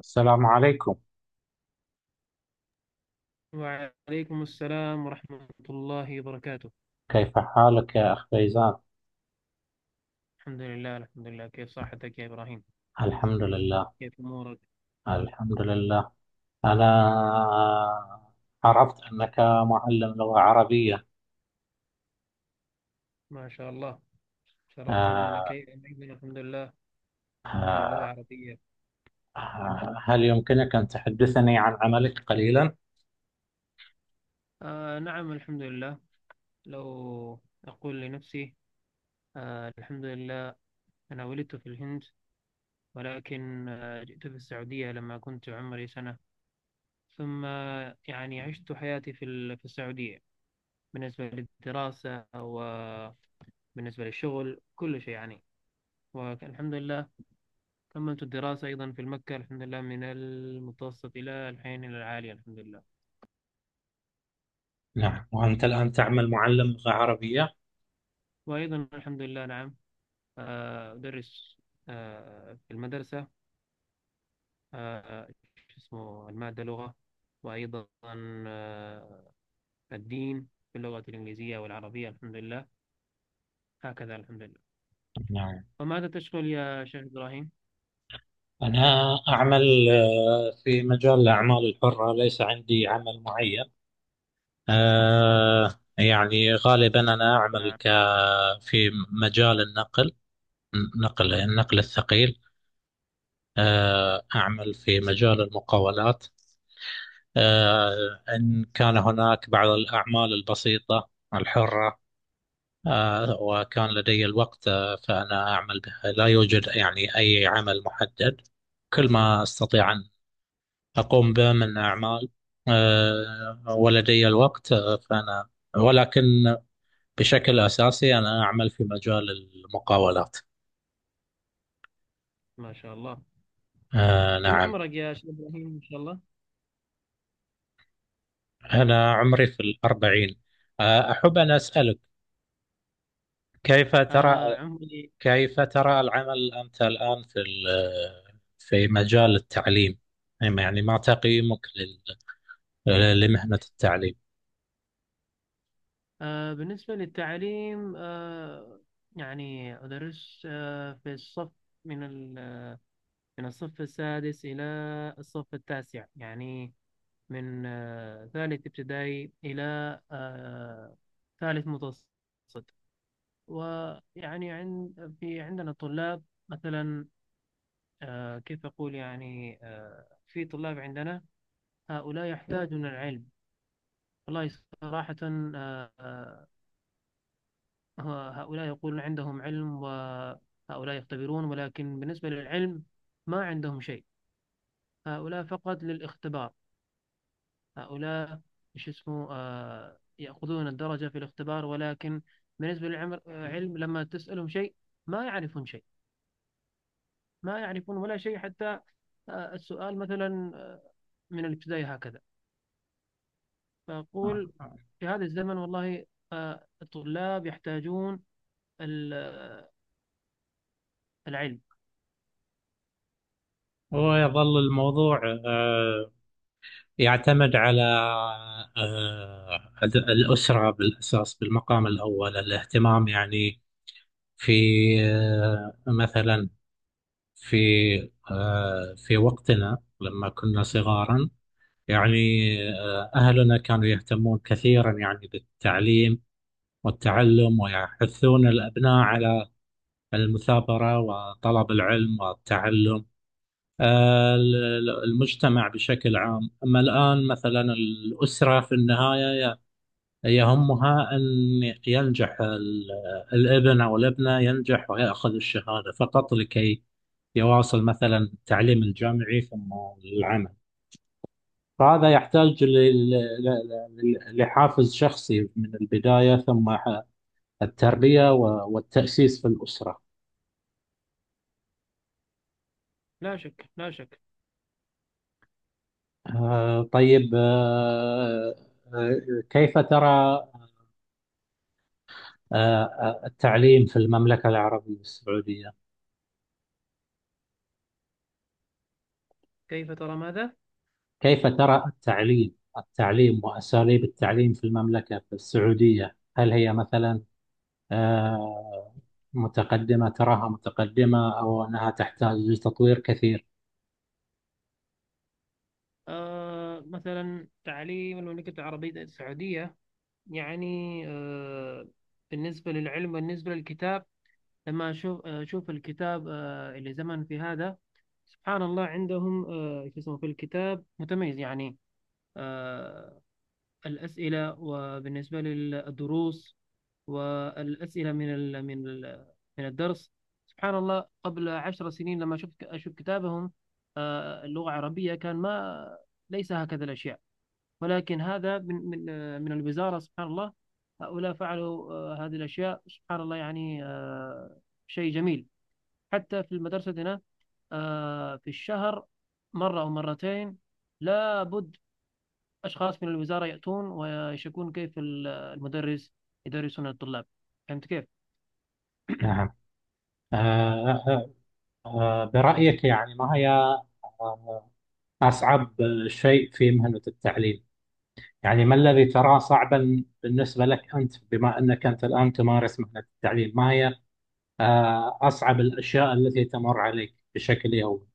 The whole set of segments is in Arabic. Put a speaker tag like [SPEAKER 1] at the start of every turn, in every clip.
[SPEAKER 1] السلام عليكم.
[SPEAKER 2] وعليكم السلام ورحمة الله وبركاته.
[SPEAKER 1] كيف حالك يا أخ فيزان؟
[SPEAKER 2] الحمد لله، الحمد لله. كيف صحتك يا إبراهيم؟
[SPEAKER 1] الحمد لله،
[SPEAKER 2] كيف أمورك؟
[SPEAKER 1] الحمد لله. أنا عرفت أنك معلم لغة عربية.
[SPEAKER 2] ما شاء الله، شرفتنا. أنا
[SPEAKER 1] آه،
[SPEAKER 2] كيف أيضا، الحمد لله. من اللغة
[SPEAKER 1] آه،
[SPEAKER 2] العربية.
[SPEAKER 1] هل يمكنك أن تحدثني عن عملك قليلا؟
[SPEAKER 2] آه، نعم، الحمد لله. لو أقول لنفسي. الحمد لله. أنا ولدت في الهند، ولكن جئت في السعودية لما كنت عمري سنة. ثم يعني عشت حياتي في السعودية، بالنسبة للدراسة وبالنسبة للشغل كل شيء يعني. والحمد لله، كملت الدراسة أيضا في المكة، الحمد لله، من المتوسط إلى الحين إلى العالي، الحمد لله.
[SPEAKER 1] نعم. وأنت الآن تعمل معلم لغة عربية؟
[SPEAKER 2] وأيضا الحمد لله، نعم. أدرس في المدرسة، آه، شو اسمه المادة لغة، وأيضا آه، الدين، في اللغة الإنجليزية والعربية، الحمد لله. هكذا الحمد لله.
[SPEAKER 1] نعم،
[SPEAKER 2] وماذا تشغل يا شيخ إبراهيم؟
[SPEAKER 1] أنا أعمل في مجال الأعمال الحرة، ليس عندي عمل معين. آه، يعني غالبا أنا أعمل
[SPEAKER 2] نعم.
[SPEAKER 1] ك في مجال النقل، النقل الثقيل. أعمل في مجال المقاولات. إن كان هناك بعض الأعمال البسيطة الحرة وكان لدي الوقت، فأنا أعمل بها، لا يوجد يعني أي عمل محدد، كل ما أستطيع أن أقوم به من أعمال ولدي الوقت فأنا، ولكن بشكل أساسي أنا أعمل في مجال المقاولات.
[SPEAKER 2] ما شاء الله. كم
[SPEAKER 1] نعم.
[SPEAKER 2] عمرك يا شيخ إبراهيم إن شاء الله؟
[SPEAKER 1] أنا عمري في الأربعين. أحب أن أسألك، كيف ترى
[SPEAKER 2] عمري.
[SPEAKER 1] كيف ترى العمل أنت الآن في في مجال التعليم. يعني ما تقييمك لمهنة التعليم؟
[SPEAKER 2] بالنسبة للتعليم، يعني أدرس في الصف، من ال- من الصف السادس إلى الصف التاسع، يعني من ثالث ابتدائي إلى آه، ثالث متوسط. ويعني عندنا طلاب، مثلا كيف أقول يعني في طلاب عندنا، هؤلاء يحتاجون العلم. والله صراحة، آه، آه، هو هؤلاء يقولون عندهم علم، وهؤلاء يختبرون، ولكن بالنسبة للعلم ما عندهم شيء. هؤلاء فقط للاختبار. هؤلاء شو اسمه يأخذون الدرجة في الاختبار، ولكن بالنسبة للعلم لما تسألهم شيء ما يعرفون شيء، ما يعرفون ولا شيء حتى. السؤال مثلا من الابتدائي هكذا. فأقول في هذا الزمن، والله الطلاب يحتاجون ال- العلم.
[SPEAKER 1] هو يظل الموضوع يعتمد على الأسرة بالأساس، بالمقام الأول الاهتمام يعني، في آه، مثلا في في وقتنا لما كنا صغارا، يعني أهلنا كانوا يهتمون كثيرا يعني بالتعليم والتعلم، ويحثون الأبناء على المثابرة وطلب العلم والتعلم. المجتمع بشكل عام. أما الآن مثلا الأسرة في النهاية يهمها أن ينجح الابن أو الابنة، ينجح ويأخذ الشهادة فقط لكي يواصل مثلا التعليم الجامعي ثم العمل. فهذا يحتاج لحافز شخصي من البداية، ثم التربية والتأسيس في الأسرة.
[SPEAKER 2] لا شك، لا شك.
[SPEAKER 1] طيب. آه، كيف ترى التعليم في المملكة العربية السعودية؟
[SPEAKER 2] كيف ترى ماذا؟
[SPEAKER 1] كيف ترى التعليم وأساليب التعليم في المملكة في السعودية؟ هل هي مثلا آه، متقدمة، تراها متقدمة أو أنها تحتاج لتطوير كثير؟
[SPEAKER 2] مثلا تعليم المملكة العربية السعودية، يعني بالنسبة للعلم، بالنسبة للكتاب، لما أشوف الكتاب اللي زمن في هذا، سبحان الله عندهم شو اسمه في الكتاب متميز يعني آه الأسئلة، وبالنسبة للدروس والأسئلة من الدرس. سبحان الله، قبل 10 سنين لما شفت أشوف كتابهم اللغة العربية، كان ما ليس هكذا الأشياء. ولكن هذا من الوزارة، سبحان الله. هؤلاء فعلوا هذه الأشياء، سبحان الله يعني شيء جميل. حتى في مدرستنا في الشهر مرة أو مرتين، لابد أشخاص من الوزارة يأتون ويشكون كيف المدرس يدرسون الطلاب. فهمت كيف؟
[SPEAKER 1] نعم. آه، آه، برأيك يعني، ما هي آه، أصعب شيء في مهنة التعليم؟ يعني ما الذي تراه صعبا بالنسبة لك أنت، بما أنك أنت الآن تمارس مهنة التعليم؟ ما هي أصعب الأشياء التي تمر عليك بشكل يومي؟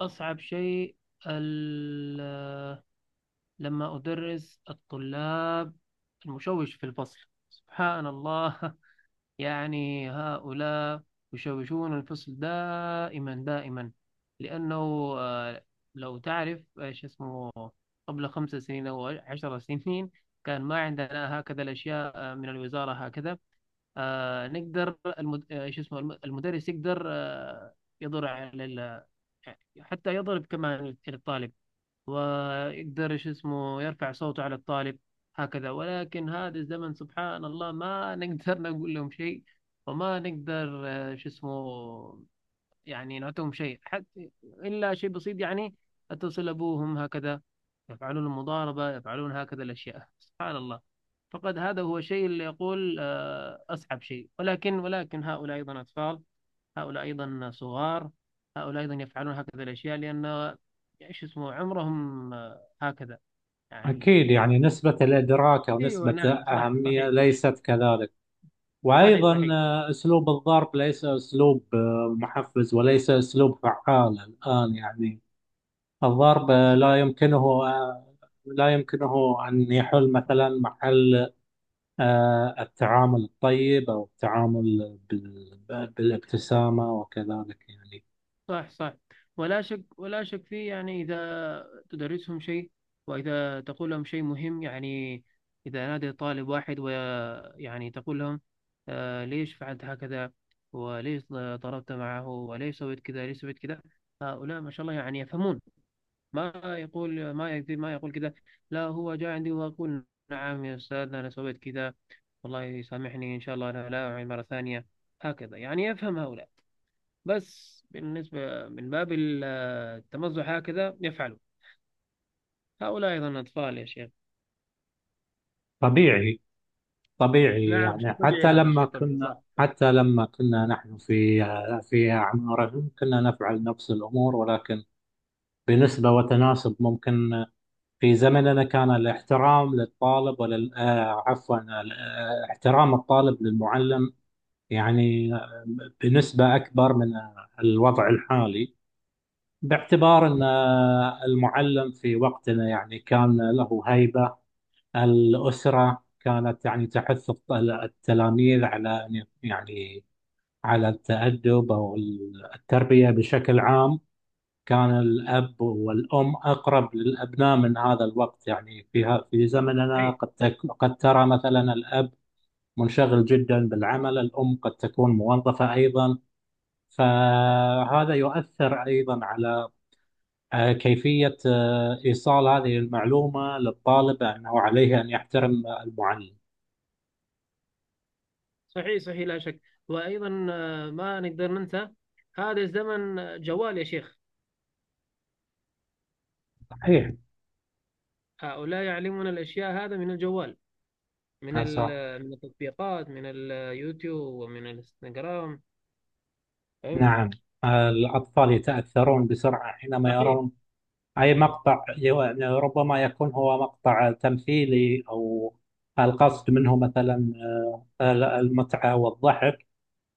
[SPEAKER 2] أصعب شيء، ال- لما أدرس الطلاب، المشوش في الفصل، سبحان الله. يعني هؤلاء يشوشون الفصل دائما دائما. لأنه آه، لو تعرف شو اسمه، قبل 5 سنين أو 10 سنين، كان ما عندنا هكذا الأشياء من الوزارة هكذا. نقدر المد... آه، شو اسمه المدرس يقدر يضر على حتى يضرب كمان الطالب، ويقدر شو اسمه يرفع صوته على الطالب هكذا. ولكن هذا الزمن سبحان الله ما نقدر نقول لهم شيء. وما نقدر شو اسمه، يعني نعطيهم شيء حتى إلا شيء بسيط، يعني اتصل أبوهم هكذا يفعلون المضاربة، يفعلون هكذا الأشياء سبحان الله. فقد هذا هو الشيء اللي يقول أصعب شيء، ولكن هؤلاء أيضا أطفال، هؤلاء أيضا صغار، هؤلاء أيضا يفعلون هكذا الأشياء، لأن إيش اسمه عمرهم هكذا يعني
[SPEAKER 1] أكيد، يعني
[SPEAKER 2] بالنسبة.
[SPEAKER 1] نسبة الإدراك أو
[SPEAKER 2] أيوه،
[SPEAKER 1] نسبة
[SPEAKER 2] نعم، صح،
[SPEAKER 1] الأهمية
[SPEAKER 2] صحيح، صحيح.
[SPEAKER 1] ليست كذلك،
[SPEAKER 2] صحيح،
[SPEAKER 1] وأيضا
[SPEAKER 2] صحيح.
[SPEAKER 1] أسلوب الضرب ليس أسلوب محفز وليس أسلوب فعال الآن، يعني الضرب لا يمكنه أن يحل مثلا محل التعامل الطيب أو التعامل بالابتسامة وكذلك يعني.
[SPEAKER 2] صح، صح. ولا شك، ولا شك فيه. يعني إذا تدرسهم شيء، وإذا تقول لهم شيء مهم، يعني إذا نادى طالب واحد، ويعني تقول لهم ليش فعلت هكذا، وليش ضربت معه، وليش سويت كذا، ليش سويت كذا. هؤلاء ما شاء الله يعني يفهمون. ما يقول، ما يكذب، ما يقول كذا. لا، هو جاء عندي وأقول نعم يا أستاذ، أنا سويت كذا، والله يسامحني إن شاء الله، أنا لا أعيد مرة ثانية. هكذا يعني يفهم هؤلاء. بس بالنسبة من باب التمزح هكذا يفعلوا. هؤلاء أيضا أطفال يا شيخ.
[SPEAKER 1] طبيعي، طبيعي،
[SPEAKER 2] نعم، شيء
[SPEAKER 1] يعني
[SPEAKER 2] طبيعي، هذا شيء طبيعي. صح، صح.
[SPEAKER 1] حتى لما كنا نحن في، في أعمارهم كنا نفعل نفس الأمور، ولكن بنسبة وتناسب، ممكن في زمننا كان الاحترام للطالب ولل آه، عفوا، احترام الطالب للمعلم، يعني بنسبة أكبر من الوضع الحالي، باعتبار أن المعلم في وقتنا يعني كان له هيبة. الأسرة كانت يعني تحث التلاميذ على يعني على التأدب أو التربية بشكل عام. كان الأب والأم أقرب للأبناء من هذا الوقت، يعني في زمننا،
[SPEAKER 2] صحيح،
[SPEAKER 1] قد قد ترى مثلا الأب منشغل جدا بالعمل، الأم قد تكون موظفة أيضا، فهذا يؤثر أيضا على كيفية إيصال هذه المعلومة للطالب أنه عليه أن يحترم المعلم.
[SPEAKER 2] صحيح، صحيح. لا شك. وأيضا ما نقدر ننسى. هذا الزمن جوال يا شيخ.
[SPEAKER 1] صحيح.
[SPEAKER 2] هؤلاء يعلمون الأشياء هذا من الجوال،
[SPEAKER 1] أسع-
[SPEAKER 2] من التطبيقات، من اليوتيوب ومن الانستغرام. فهمت؟
[SPEAKER 1] نعم. الأطفال يتأثرون بسرعة حينما
[SPEAKER 2] صحيح،
[SPEAKER 1] يرون أي مقطع، يعني ربما يكون هو مقطع تمثيلي، أو القصد منه مثلا المتعة والضحك،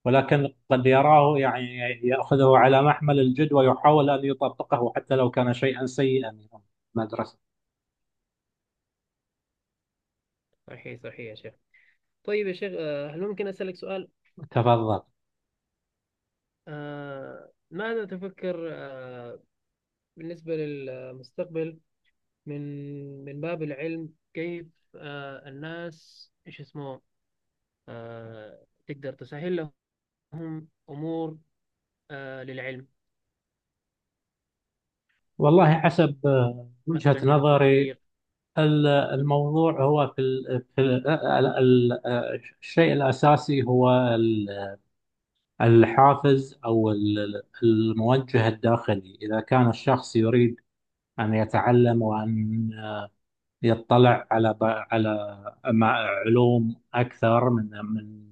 [SPEAKER 1] ولكن قد يراه يعني، يأخذه على محمل الجد ويحاول أن يطبقه حتى لو كان شيئا سيئا من المدرسة.
[SPEAKER 2] صحيح، صحيح يا شيخ. طيب يا شيخ، هل ممكن أسألك سؤال؟
[SPEAKER 1] تفضل.
[SPEAKER 2] ماذا تفكر بالنسبة للمستقبل، من من باب العلم، كيف الناس ايش اسمه تقدر تسهل لهم أمور للعلم،
[SPEAKER 1] والله حسب وجهة
[SPEAKER 2] مثلا من
[SPEAKER 1] نظري،
[SPEAKER 2] التطبيق.
[SPEAKER 1] الموضوع هو في, ال في ال ال ال الشيء الأساسي هو الحافز أو الموجه الداخلي. إذا كان الشخص يريد أن يتعلم وأن يطلع على علوم أكثر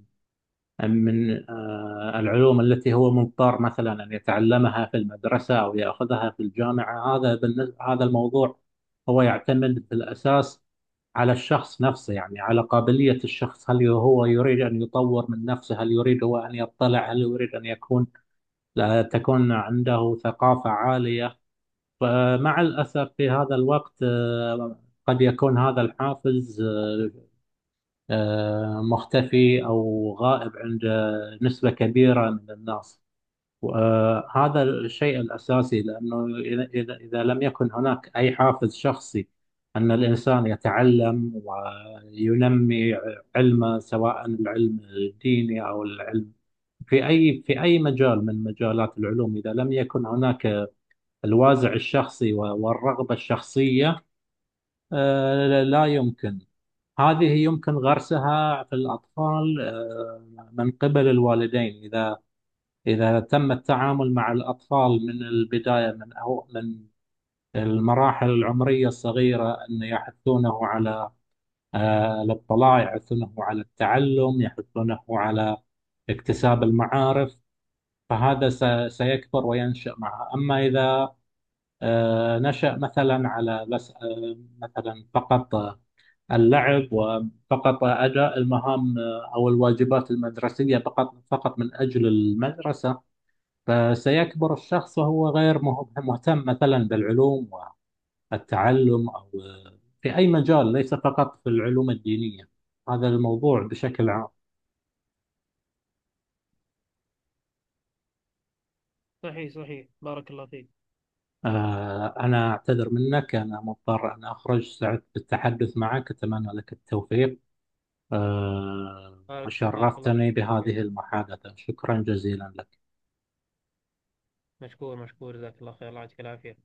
[SPEAKER 1] من العلوم التي هو مضطر مثلا أن يتعلمها في المدرسة أو يأخذها في الجامعة. هذا الموضوع هو يعتمد في الأساس على الشخص نفسه، يعني على قابلية الشخص، هل هو يريد أن يطور من نفسه، هل يريد هو أن يطلع، هل يريد أن يكون، لا تكون عنده ثقافة عالية. فمع الأسف في هذا الوقت قد يكون هذا الحافز مختفي أو غائب عند نسبة كبيرة من الناس، وهذا الشيء الأساسي. لأنه إذا لم يكن هناك أي حافز شخصي أن الإنسان يتعلم وينمي علمه، سواء العلم الديني أو العلم في أي مجال من مجالات العلوم، إذا لم يكن هناك الوازع الشخصي والرغبة الشخصية، لا يمكن. هذه يمكن غرسها في الأطفال من قبل الوالدين، إذا تم التعامل مع الأطفال من البداية، من أو من المراحل العمرية الصغيرة، أن يحثونه على الاطلاع، يحثونه على التعلم، يحثونه على اكتساب المعارف، فهذا سيكبر وينشأ معه. أما إذا نشأ مثلا على بس مثلا فقط اللعب، وفقط أداء المهام أو الواجبات المدرسية، فقط من أجل المدرسة، فسيكبر الشخص وهو غير مهتم مثلا بالعلوم والتعلم أو في أي مجال، ليس فقط في العلوم الدينية. هذا الموضوع بشكل عام.
[SPEAKER 2] صحيح، صحيح، بارك الله فيك.
[SPEAKER 1] أنا أعتذر منك، أنا مضطر أن أخرج، سعدت بالتحدث معك، أتمنى لك التوفيق
[SPEAKER 2] بارك الله
[SPEAKER 1] وشرفتني
[SPEAKER 2] فيك يا شيخ.
[SPEAKER 1] بهذه المحادثة، شكرا جزيلا لك.
[SPEAKER 2] مشكور، مشكور، جزاك الله خير. الله يعطيك العافية.